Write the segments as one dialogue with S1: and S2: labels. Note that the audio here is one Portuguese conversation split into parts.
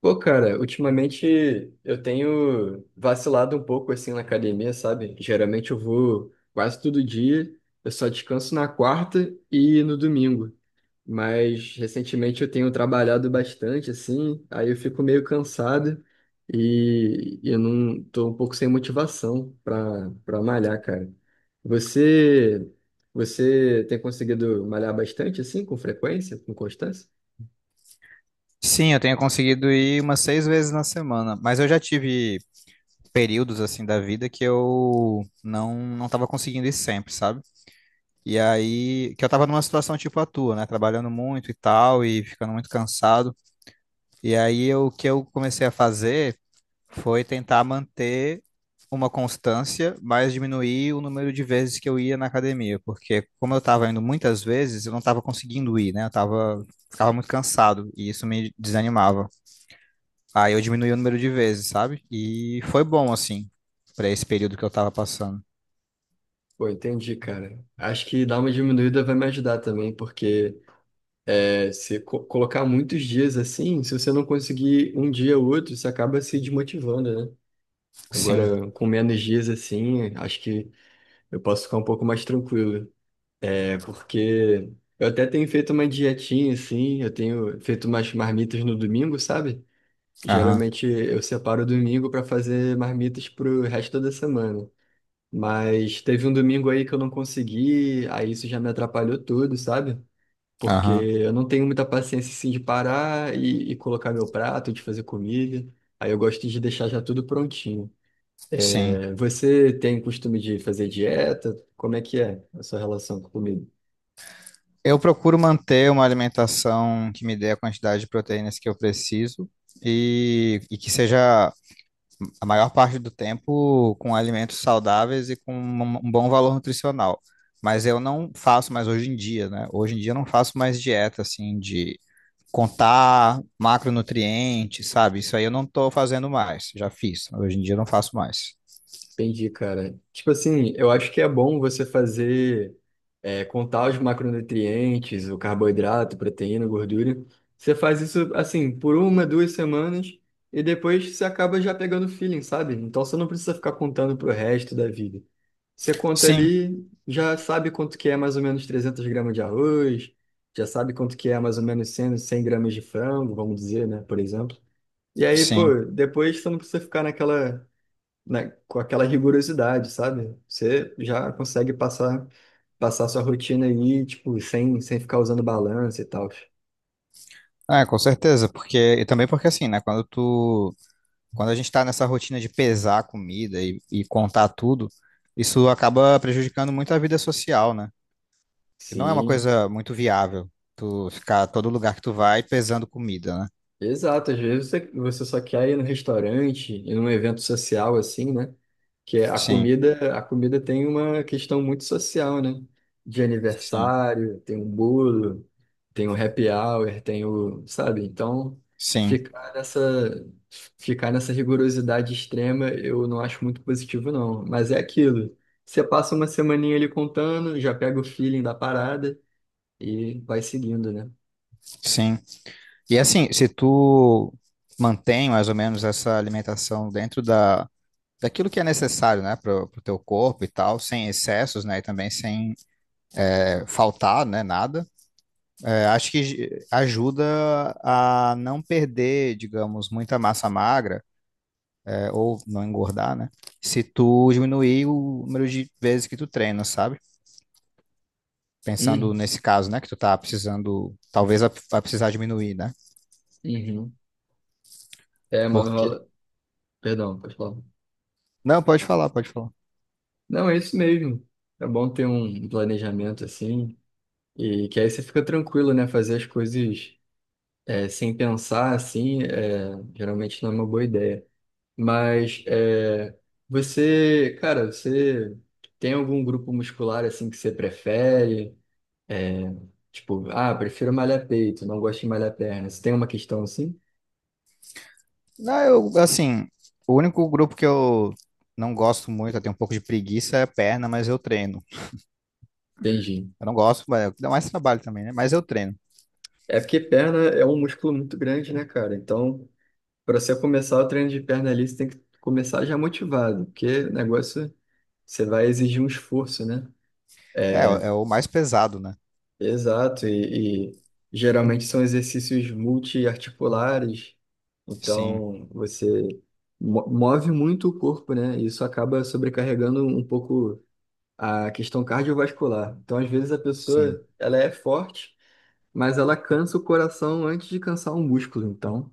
S1: Pô, cara, ultimamente eu tenho vacilado um pouco assim na academia, sabe? Geralmente eu vou quase todo dia, eu só descanso na quarta e no domingo. Mas recentemente eu tenho trabalhado bastante assim, aí eu fico meio cansado e eu não tô um pouco sem motivação para malhar, cara. Você você tem conseguido malhar bastante assim, com frequência, com constância?
S2: Sim, eu tenho conseguido ir umas seis vezes na semana, mas eu já tive períodos assim da vida que eu não estava conseguindo ir sempre, sabe? E aí que eu tava numa situação tipo a tua, né, trabalhando muito e tal e ficando muito cansado. E aí o que eu comecei a fazer foi tentar manter uma constância, mas diminuir o número de vezes que eu ia na academia, porque como eu tava indo muitas vezes, eu não tava conseguindo ir, né? Eu tava Ficava muito cansado e isso me desanimava. Aí eu diminui o número de vezes, sabe? E foi bom, assim, pra esse período que eu tava passando.
S1: Pô, entendi, cara. Acho que dar uma diminuída vai me ajudar também, porque é, se colocar muitos dias assim, se você não conseguir um dia ou outro, você acaba se desmotivando, né?
S2: Sim,
S1: Agora, com menos dias assim, acho que eu posso ficar um pouco mais tranquilo. É, porque eu até tenho feito uma dietinha assim, eu tenho feito umas marmitas no domingo, sabe?
S2: aham,
S1: Geralmente eu separo o domingo para fazer marmitas pro resto da semana. Mas teve um domingo aí que eu não consegui, aí isso já me atrapalhou tudo, sabe? Porque
S2: aham,
S1: eu não tenho muita paciência assim de parar e colocar meu prato, de fazer comida. Aí eu gosto de deixar já tudo prontinho.
S2: sim.
S1: É, você tem costume de fazer dieta? Como é que é a sua relação com comida?
S2: Eu procuro manter uma alimentação que me dê a quantidade de proteínas que eu preciso e que seja a maior parte do tempo com alimentos saudáveis e com um bom valor nutricional. Mas eu não faço mais hoje em dia, né? Hoje em dia eu não faço mais dieta, assim, de contar macronutrientes, sabe? Isso aí eu não estou fazendo mais, já fiz. Hoje em dia eu não faço mais.
S1: Entendi, cara. Tipo assim, eu acho que é bom você fazer, é, contar os macronutrientes, o carboidrato, proteína, gordura. Você faz isso, assim, por uma, duas semanas e depois você acaba já pegando feeling, sabe? Então você não precisa ficar contando pro resto da vida. Você conta
S2: Sim,
S1: ali, já sabe quanto que é mais ou menos 300 g de arroz, já sabe quanto que é mais ou menos cem gramas de frango, vamos dizer, né, por exemplo. E aí, pô,
S2: sim.
S1: depois você não precisa ficar naquela né, com aquela rigorosidade, sabe? Você já consegue passar sua rotina aí, tipo, sem ficar usando balança e tal.
S2: É, com certeza, porque e também porque assim, né, quando a gente tá nessa rotina de pesar a comida e contar tudo, isso acaba prejudicando muito a vida social, né? Que não é uma
S1: Sim.
S2: coisa muito viável tu ficar todo lugar que tu vai pesando comida, né?
S1: Exato, às vezes você só quer ir no restaurante, e num evento social assim, né? Que é
S2: Sim,
S1: a comida tem uma questão muito social, né? De
S2: sim,
S1: aniversário, tem um bolo, tem um happy hour, tem o, sabe? Então,
S2: sim,
S1: ficar nessa, ficar nessa rigorosidade extrema eu não acho muito positivo, não. Mas é aquilo. Você passa uma semaninha ali contando, já pega o feeling da parada e vai seguindo, né?
S2: sim. E assim, se tu mantém mais ou menos essa alimentação dentro daquilo que é necessário, né, pro teu corpo e tal, sem excessos, né, e também sem faltar, né, nada, acho que ajuda a não perder, digamos, muita massa magra, ou não engordar, né, se tu diminuir o número de vezes que tu treina, sabe? Pensando
S1: Uhum.
S2: nesse caso, né, que tu tá precisando, talvez vai precisar diminuir, né?
S1: Uhum. É, mano,
S2: Porque...
S1: rola. Perdão, pode falar.
S2: Não, pode falar, pode falar.
S1: Não, é isso mesmo. É bom ter um planejamento assim, e que aí você fica tranquilo, né? Fazer as coisas é, sem pensar assim, é, geralmente não é uma boa ideia. Mas é, você, cara, você tem algum grupo muscular assim que você prefere? É, tipo, ah, prefiro malhar peito, não gosto de malhar perna. Você tem uma questão assim?
S2: Não, eu, assim, o único grupo que eu não gosto muito, eu tenho um pouco de preguiça, é perna, mas eu treino.
S1: Entendi.
S2: Eu não gosto, mas dá mais trabalho também, né? Mas eu treino.
S1: É porque perna é um músculo muito grande, né, cara? Então. Para você começar o treino de perna ali, você tem que começar já motivado, porque o negócio você vai exigir um esforço, né?
S2: É o mais pesado, né?
S1: Exato, e geralmente são exercícios multiarticulares,
S2: Sim,
S1: então você move muito o corpo, né? E isso acaba sobrecarregando um pouco a questão cardiovascular. Então, às vezes a
S2: sim,
S1: pessoa, ela é forte, mas ela cansa o coração antes de cansar o músculo, então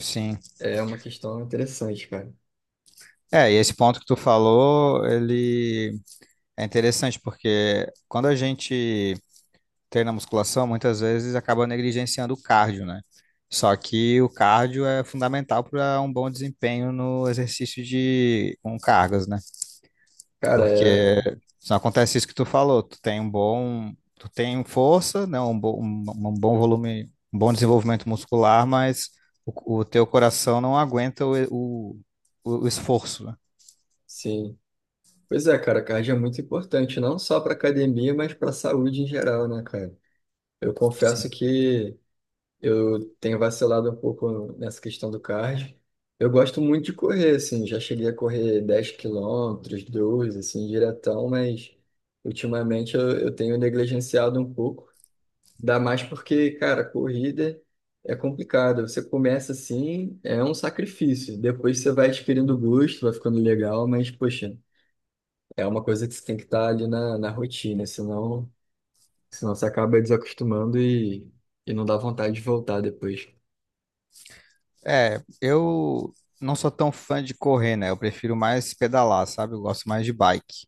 S2: sim.
S1: é uma questão interessante, cara.
S2: É, e esse ponto que tu falou, ele é interessante, porque quando a gente treina musculação, muitas vezes acaba negligenciando o cardio, né? Só que o cardio é fundamental para um bom desempenho no exercício de com cargas, né?
S1: Cara, é,
S2: Porque se acontece isso que tu falou, tu tem tu tem força, né, um bom volume, um bom desenvolvimento muscular, mas o teu coração não aguenta o esforço, né?
S1: sim. Pois é, cara, cardio é muito importante, não só para academia, mas para a saúde em geral, né, cara? Eu confesso
S2: Sim.
S1: que eu tenho vacilado um pouco nessa questão do cardio. Eu gosto muito de correr, assim, já cheguei a correr 10 km, 12, assim, diretão, mas ultimamente eu tenho negligenciado um pouco. Dá mais porque, cara, corrida é complicado. Você começa assim, é um sacrifício. Depois você vai adquirindo gosto, vai ficando legal, mas, poxa. É uma coisa que você tem que estar ali na rotina, senão você acaba desacostumando e não dá vontade de voltar depois.
S2: É, eu não sou tão fã de correr, né? Eu prefiro mais pedalar, sabe? Eu gosto mais de bike.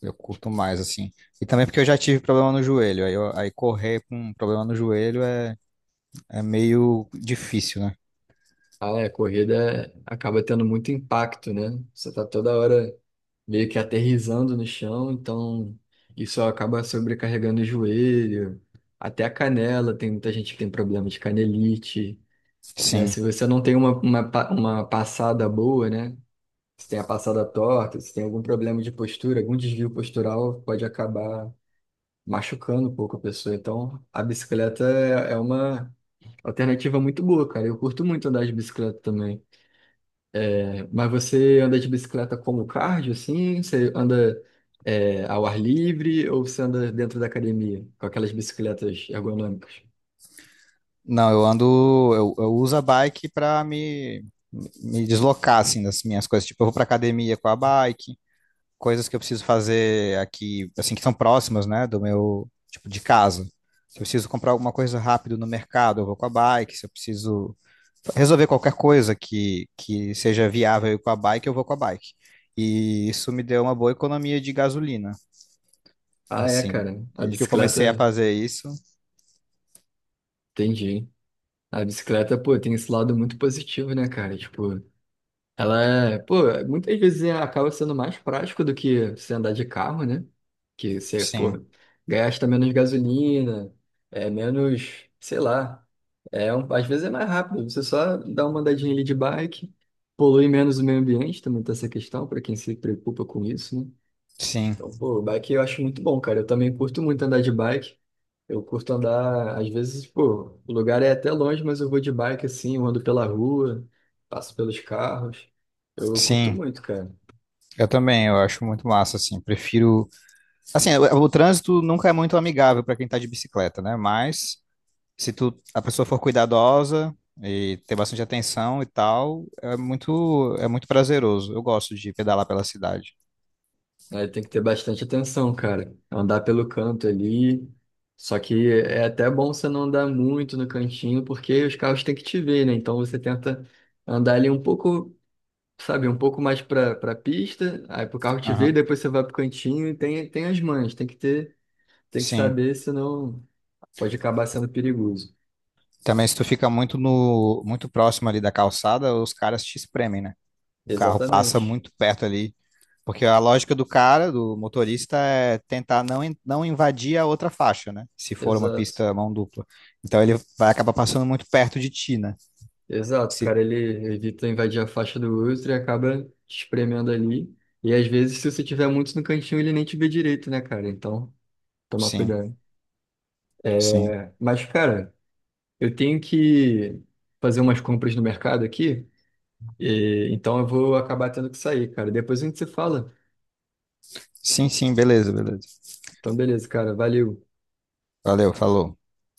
S2: Eu curto mais, assim. E também porque eu já tive problema no joelho. Aí, aí correr com problema no joelho é meio difícil, né?
S1: Ah, é, a corrida acaba tendo muito impacto, né? Você tá toda hora meio que aterrissando no chão, então isso acaba sobrecarregando o joelho, até a canela, tem muita gente que tem problema de canelite, né?
S2: Sim.
S1: Se você não tem pa- uma passada boa, né? Se tem a passada torta, se tem algum problema de postura, algum desvio postural, pode acabar machucando um pouco a pessoa. Então, a bicicleta é uma alternativa muito boa, cara. Eu curto muito andar de bicicleta também. É, mas você anda de bicicleta como cardio, assim? Você anda, é, ao ar livre ou você anda dentro da academia com aquelas bicicletas ergonômicas?
S2: Não, eu uso a bike para me deslocar, assim, das minhas coisas. Tipo, eu vou pra academia com a bike, coisas que eu preciso fazer aqui, assim, que são próximas, né, do meu, tipo, de casa. Se eu preciso comprar alguma coisa rápido no mercado, eu vou com a bike. Se eu preciso resolver qualquer coisa que seja viável ir com a bike, eu vou com a bike. E isso me deu uma boa economia de gasolina,
S1: Ah, é,
S2: assim.
S1: cara. A
S2: Desde que eu comecei a
S1: bicicleta,
S2: fazer isso,
S1: entendi. A bicicleta, pô, tem esse lado muito positivo, né, cara? Tipo, ela é, pô, muitas vezes acaba sendo mais prático do que você andar de carro, né? Que você, pô,
S2: sim,
S1: gasta menos gasolina, é menos, sei lá. É um, às vezes é mais rápido, você só dá uma andadinha ali de bike, polui menos o meio ambiente, também tem essa questão, para quem se preocupa com isso, né?
S2: sim,
S1: Então, pô, bike eu acho muito bom, cara. Eu também curto muito andar de bike. Eu curto andar, às vezes, pô, o lugar é até longe, mas eu vou de bike assim, eu ando pela rua, passo pelos carros. Eu curto
S2: sim.
S1: muito, cara.
S2: Eu também, eu acho muito massa, assim. Prefiro. Assim, o trânsito nunca é muito amigável para quem tá de bicicleta, né? Mas se tu, a pessoa for cuidadosa e ter bastante atenção e tal, é muito prazeroso. Eu gosto de pedalar pela cidade.
S1: É, tem que ter bastante atenção, cara. Andar pelo canto ali. Só que é até bom você não andar muito no cantinho, porque os carros têm que te ver, né? Então você tenta andar ali um pouco, sabe, um pouco mais pra pista, aí pro carro te ver,
S2: Aham.
S1: depois você vai pro cantinho e tem, tem as mães, tem que ter. Tem que
S2: Sim.
S1: saber, senão pode acabar sendo perigoso.
S2: Também se tu fica muito no, muito próximo ali da calçada, os caras te espremem, né? O carro passa
S1: Exatamente.
S2: muito perto ali. Porque a lógica do cara, do motorista, é tentar não invadir a outra faixa, né? Se for uma
S1: Exato.
S2: pista mão dupla. Então ele vai acabar passando muito perto de ti, né?
S1: Exato,
S2: Se-
S1: cara, ele evita invadir a faixa do outro e acaba te espremendo ali. E às vezes, se você tiver muito no cantinho, ele nem te vê direito, né, cara? Então, tomar
S2: sim,
S1: cuidado.
S2: sim.
S1: Mas, cara, eu tenho que fazer umas compras no mercado aqui, então eu vou acabar tendo que sair, cara. Depois a gente se fala.
S2: Sim, sim, beleza, beleza.
S1: Então, beleza, cara, valeu.
S2: Valeu, falou.